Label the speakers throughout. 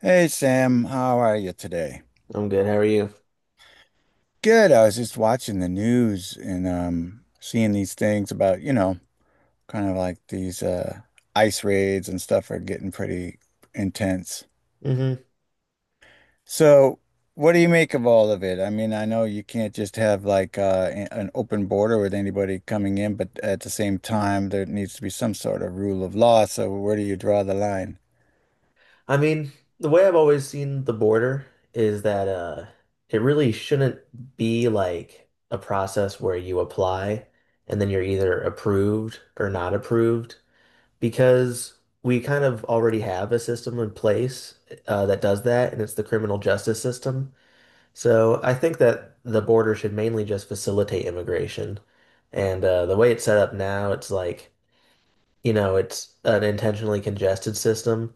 Speaker 1: Hey Sam, how are you today?
Speaker 2: I'm good. How are you?
Speaker 1: Good. I was just watching the news and seeing these things about, kind of like these ICE raids and stuff are getting pretty intense.
Speaker 2: Hmm.
Speaker 1: So, what do you make of all of it? I mean, I know you can't just have like an open border with anybody coming in, but at the same time there needs to be some sort of rule of law. So, where do you draw the line?
Speaker 2: I mean, the way I've always seen the border is that it really shouldn't be like a process where you apply and then you're either approved or not approved because we kind of already have a system in place that does that, and it's the criminal justice system. So I think that the border should mainly just facilitate immigration. And the way it's set up now, it's like, it's an intentionally congested system.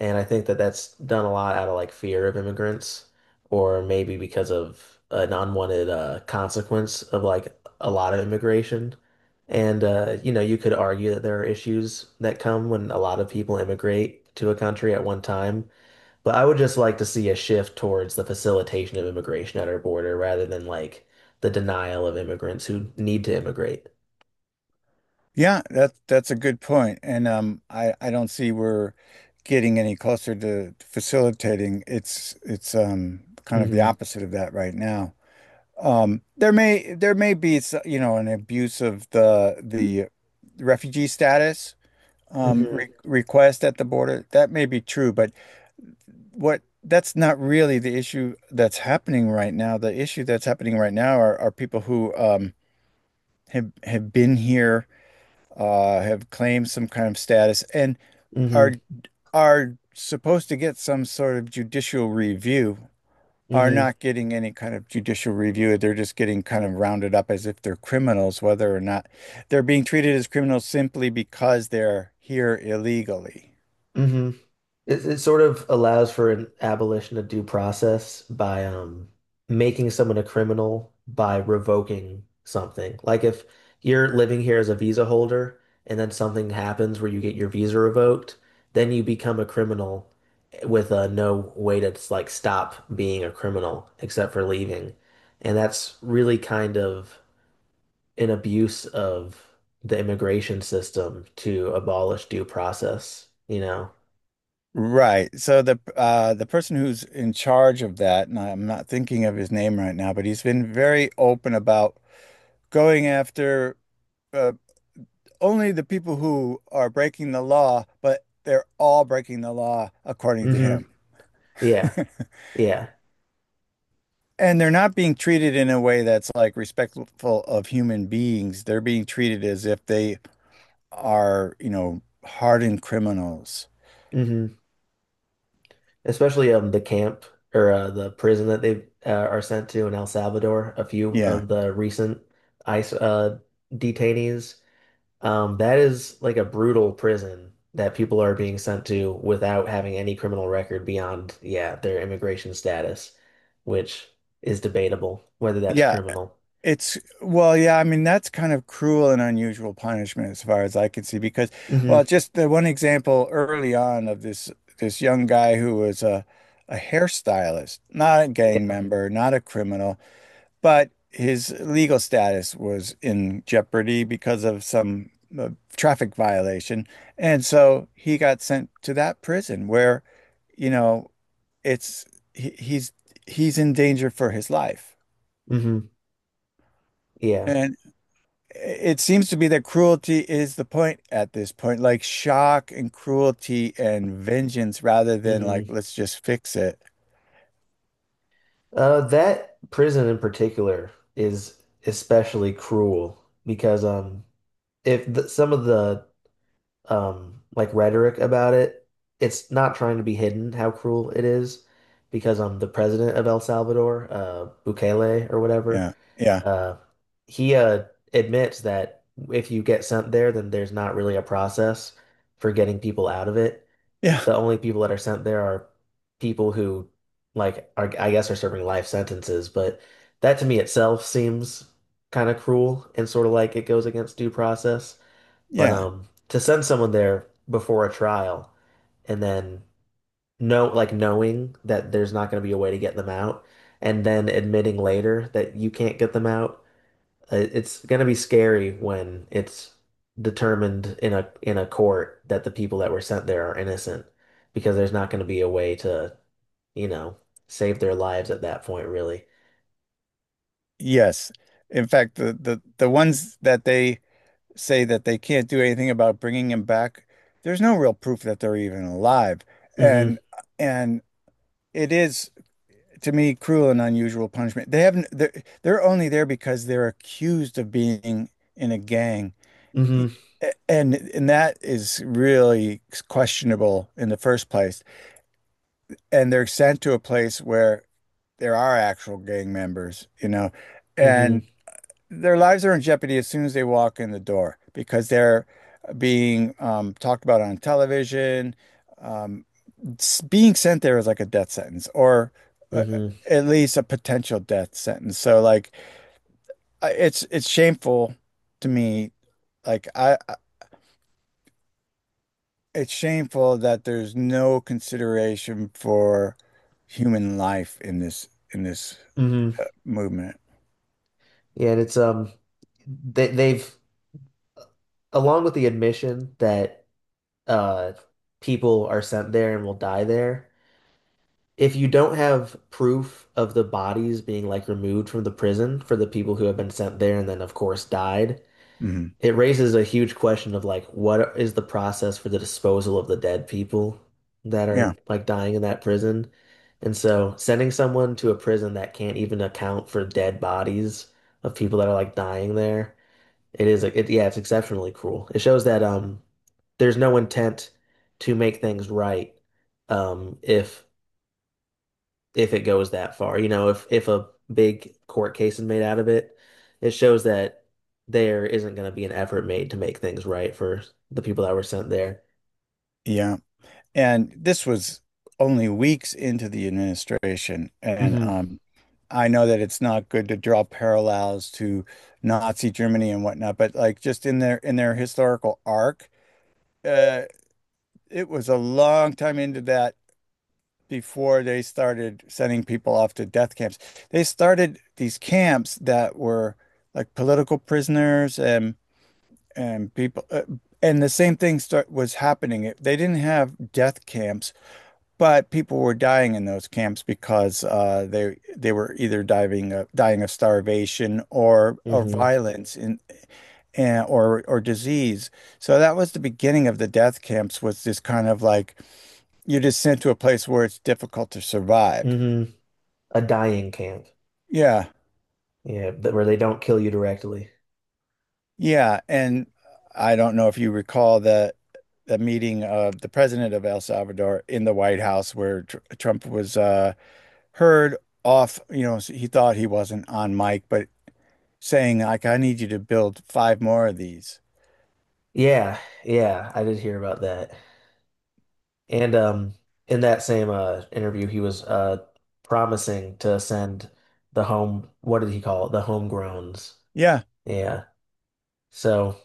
Speaker 2: And I think that that's done a lot out of like fear of immigrants, or maybe because of an unwanted consequence of like a lot of immigration. You could argue that there are issues that come when a lot of people immigrate to a country at one time. But I would just like to see a shift towards the facilitation of immigration at our border rather than like the denial of immigrants who need to immigrate.
Speaker 1: Yeah, that's a good point. And I don't see we're getting any closer to facilitating. It's kind of the
Speaker 2: Hmm.
Speaker 1: opposite of that right now. There may be an abuse of the refugee status
Speaker 2: Hmm.
Speaker 1: re request at the border. That may be true, but what that's not really the issue that's happening right now. The issue that's happening right now are people who have been here have claimed some kind of status and
Speaker 2: Hmm.
Speaker 1: are are supposed to get some sort of judicial review, are
Speaker 2: Hmm.
Speaker 1: not getting any kind of judicial review. They're just getting kind of rounded up as if they're criminals, whether or not they're being treated as criminals simply because they're here illegally.
Speaker 2: Hmm. It sort of allows for an abolition of due process by making someone a criminal by revoking something. Like if you're living here as a visa holder and then something happens where you get your visa revoked, then you become a criminal with no way to like stop being a criminal except for leaving. And that's really kind of an abuse of the immigration system to abolish due process, you know?
Speaker 1: Right. So the person who's in charge of that, and I'm not thinking of his name right now, but he's been very open about going after uh, only the people who are breaking the law, but they're all breaking the law according to
Speaker 2: Hmm.
Speaker 1: him.
Speaker 2: Yeah. Yeah.
Speaker 1: And they're not being treated in a way that's like respectful of human beings. They're being treated as if they are, you know, hardened criminals.
Speaker 2: Hmm. Especially the camp or the prison that they are sent to in El Salvador, a few
Speaker 1: Yeah,
Speaker 2: of the recent ICE detainees. That is like a brutal prison that people are being sent to without having any criminal record beyond, yeah, their immigration status, which is debatable whether that's
Speaker 1: yeah.
Speaker 2: criminal.
Speaker 1: It's, well, yeah. I mean, That's kind of cruel and unusual punishment as far as I can see, because, well,
Speaker 2: Hmm.
Speaker 1: just the one example early on of this young guy who was a hairstylist, not a gang
Speaker 2: Yeah.
Speaker 1: member, not a criminal. But his legal status was in jeopardy because of some uh, traffic violation. And so he got sent to that prison where, you know, it's he, he's he's in danger for his life.
Speaker 2: Hmm. Yeah.
Speaker 1: And it seems to be that cruelty is the point at this point, like shock and cruelty and vengeance rather than like
Speaker 2: Hmm.
Speaker 1: let's just fix it.
Speaker 2: That prison in particular is especially cruel because if the, some of the like rhetoric about it, it's not trying to be hidden how cruel it is because the president of El Salvador, Bukele or whatever,
Speaker 1: Yeah, yeah,
Speaker 2: uh he admits that if you get sent there, then there's not really a process for getting people out of it.
Speaker 1: yeah,
Speaker 2: The only people that are sent there are people who like are I guess are serving life sentences, but that to me itself seems kind of cruel and sort of like it goes against due process. But
Speaker 1: yeah.
Speaker 2: to send someone there before a trial and then know, like knowing that there's not going to be a way to get them out, and then admitting later that you can't get them out, it's going to be scary when it's determined in a court that the people that were sent there are innocent because there's not going to be a way to, you know, save their lives at that point, really.
Speaker 1: Yes. In fact, the ones that they say that they can't do anything about bringing him back, there's no real proof that they're even alive. And
Speaker 2: Hmm.
Speaker 1: and it is to me, cruel and unusual punishment. They haven't, they're only there because they're accused of being in a gang.
Speaker 2: Hmm.
Speaker 1: E- and that is really questionable in the first place. And they're sent to a place where there are actual gang members, you know, and
Speaker 2: Hmm.
Speaker 1: their lives are in jeopardy as soon as they walk in the door because they're being talked about on television. Um, being sent there is like a death sentence or uh,
Speaker 2: Hmm.
Speaker 1: at least a potential death sentence. So like it's shameful to me. Like I I- it's shameful that there's no consideration for human life in this in this
Speaker 2: Hmm.
Speaker 1: uh, movement.
Speaker 2: Yeah, and it's they they've along with the admission that uh people are sent there and will die there. If you don't have proof of the bodies being like removed from the prison for the people who have been sent there and then of course died,
Speaker 1: Mhm.
Speaker 2: it raises a huge question of like what is the process for the disposal of the dead people that
Speaker 1: Yeah.
Speaker 2: are like dying in that prison? And so sending someone to a prison that can't even account for dead bodies of people that are like dying there it is like it, yeah, it's exceptionally cruel. It shows that there's no intent to make things right if it goes that far. You know, if a big court case is made out of it, it shows that there isn't going to be an effort made to make things right for the people that were sent there.
Speaker 1: Yeah. And this was only weeks into the administration. And
Speaker 2: Hmm.
Speaker 1: I know that it's not good to draw parallels to Nazi Germany and whatnot, but like just in their historical arc, uh, it was a long time into that before they started sending people off to death camps. They started these camps that were like political prisoners and people, and the same thing start was happening. They didn't have death camps but people were dying in those camps because they were either diving dying of starvation or
Speaker 2: Hmm.
Speaker 1: violence or disease. So that was the beginning of the death camps was this kind of like you're just sent to a place where it's difficult to survive.
Speaker 2: Hmm. A dying camp.
Speaker 1: Yeah,
Speaker 2: Yeah, but where they don't kill you directly.
Speaker 1: yeah, and I don't know if you recall the meeting of the president of El Salvador in the White House where tr Trump was heard off. You know, he thought he wasn't on mic, but saying like, I need you to build five more of these.
Speaker 2: Yeah, yeah, I did hear about that. And in that same interview, he was promising to send the home, what did he call it? The homegrowns.
Speaker 1: Yeah.
Speaker 2: Yeah. So.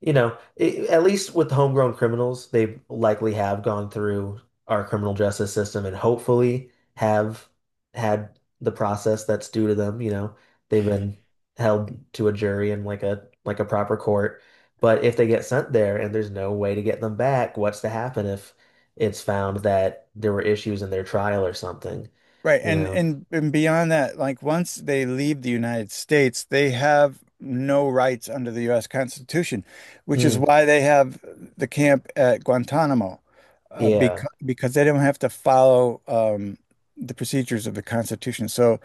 Speaker 2: You know, it, at least with homegrown criminals, they likely have gone through our criminal justice system and hopefully have had the process that's due to them. You know, they've been held to a jury and like a proper court. But if they get sent there and there's no way to get them back, what's to happen if it's found that there were issues in their trial or something?
Speaker 1: Right.
Speaker 2: You
Speaker 1: And
Speaker 2: know?
Speaker 1: and and beyond that, like once they leave the United States, they have no rights under the U.S. Constitution, which is
Speaker 2: Mm,
Speaker 1: why they have the camp at Guantanamo,
Speaker 2: yeah.
Speaker 1: because they don't have to follow the procedures of the Constitution. So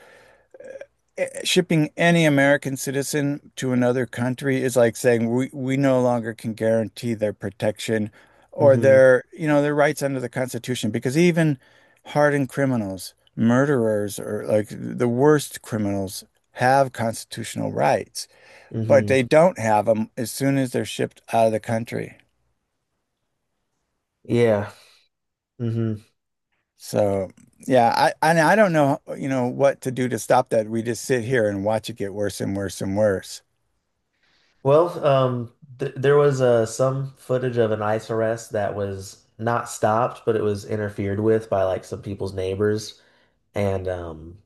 Speaker 1: shipping any American citizen to another country is like saying we no longer can guarantee their protection or
Speaker 2: Mm-hmm.
Speaker 1: their, you know, their rights under the Constitution because even hardened criminals, murderers, or like the worst criminals have constitutional rights, but
Speaker 2: Mm-hmm.
Speaker 1: they don't have them as soon as they're shipped out of the country.
Speaker 2: Yeah. Mm-hmm.
Speaker 1: So, yeah, I and I don't know, you know, what to do to stop that. We just sit here and watch it get worse and worse and worse.
Speaker 2: Well, th there was some footage of an ICE arrest that was not stopped, but it was interfered with by like some people's neighbors, and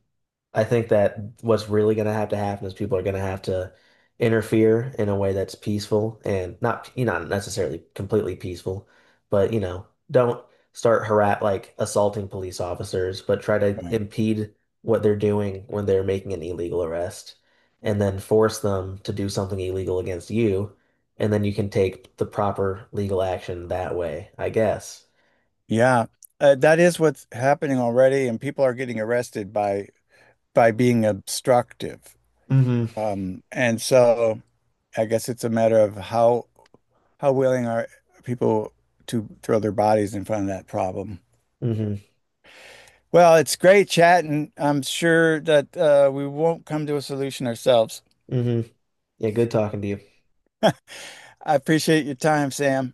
Speaker 2: I think that what's really going to have to happen is people are going to have to interfere in a way that's peaceful and not, you know, not necessarily completely peaceful, but you know, don't start harass like assaulting police officers, but try to
Speaker 1: Right.
Speaker 2: impede what they're doing when they're making an illegal arrest, and then force them to do something illegal against you, and then you can take the proper legal action that way, I guess.
Speaker 1: Yeah, that is what's happening already, and people are getting arrested by being obstructive.
Speaker 2: Hmm.
Speaker 1: And so I guess it's a matter of how willing are people to throw their bodies in front of that problem.
Speaker 2: Hmm.
Speaker 1: Well, it's great chatting. I'm sure that we won't come to a solution ourselves.
Speaker 2: Hmm. Yeah, good talking to you.
Speaker 1: I appreciate your time, Sam.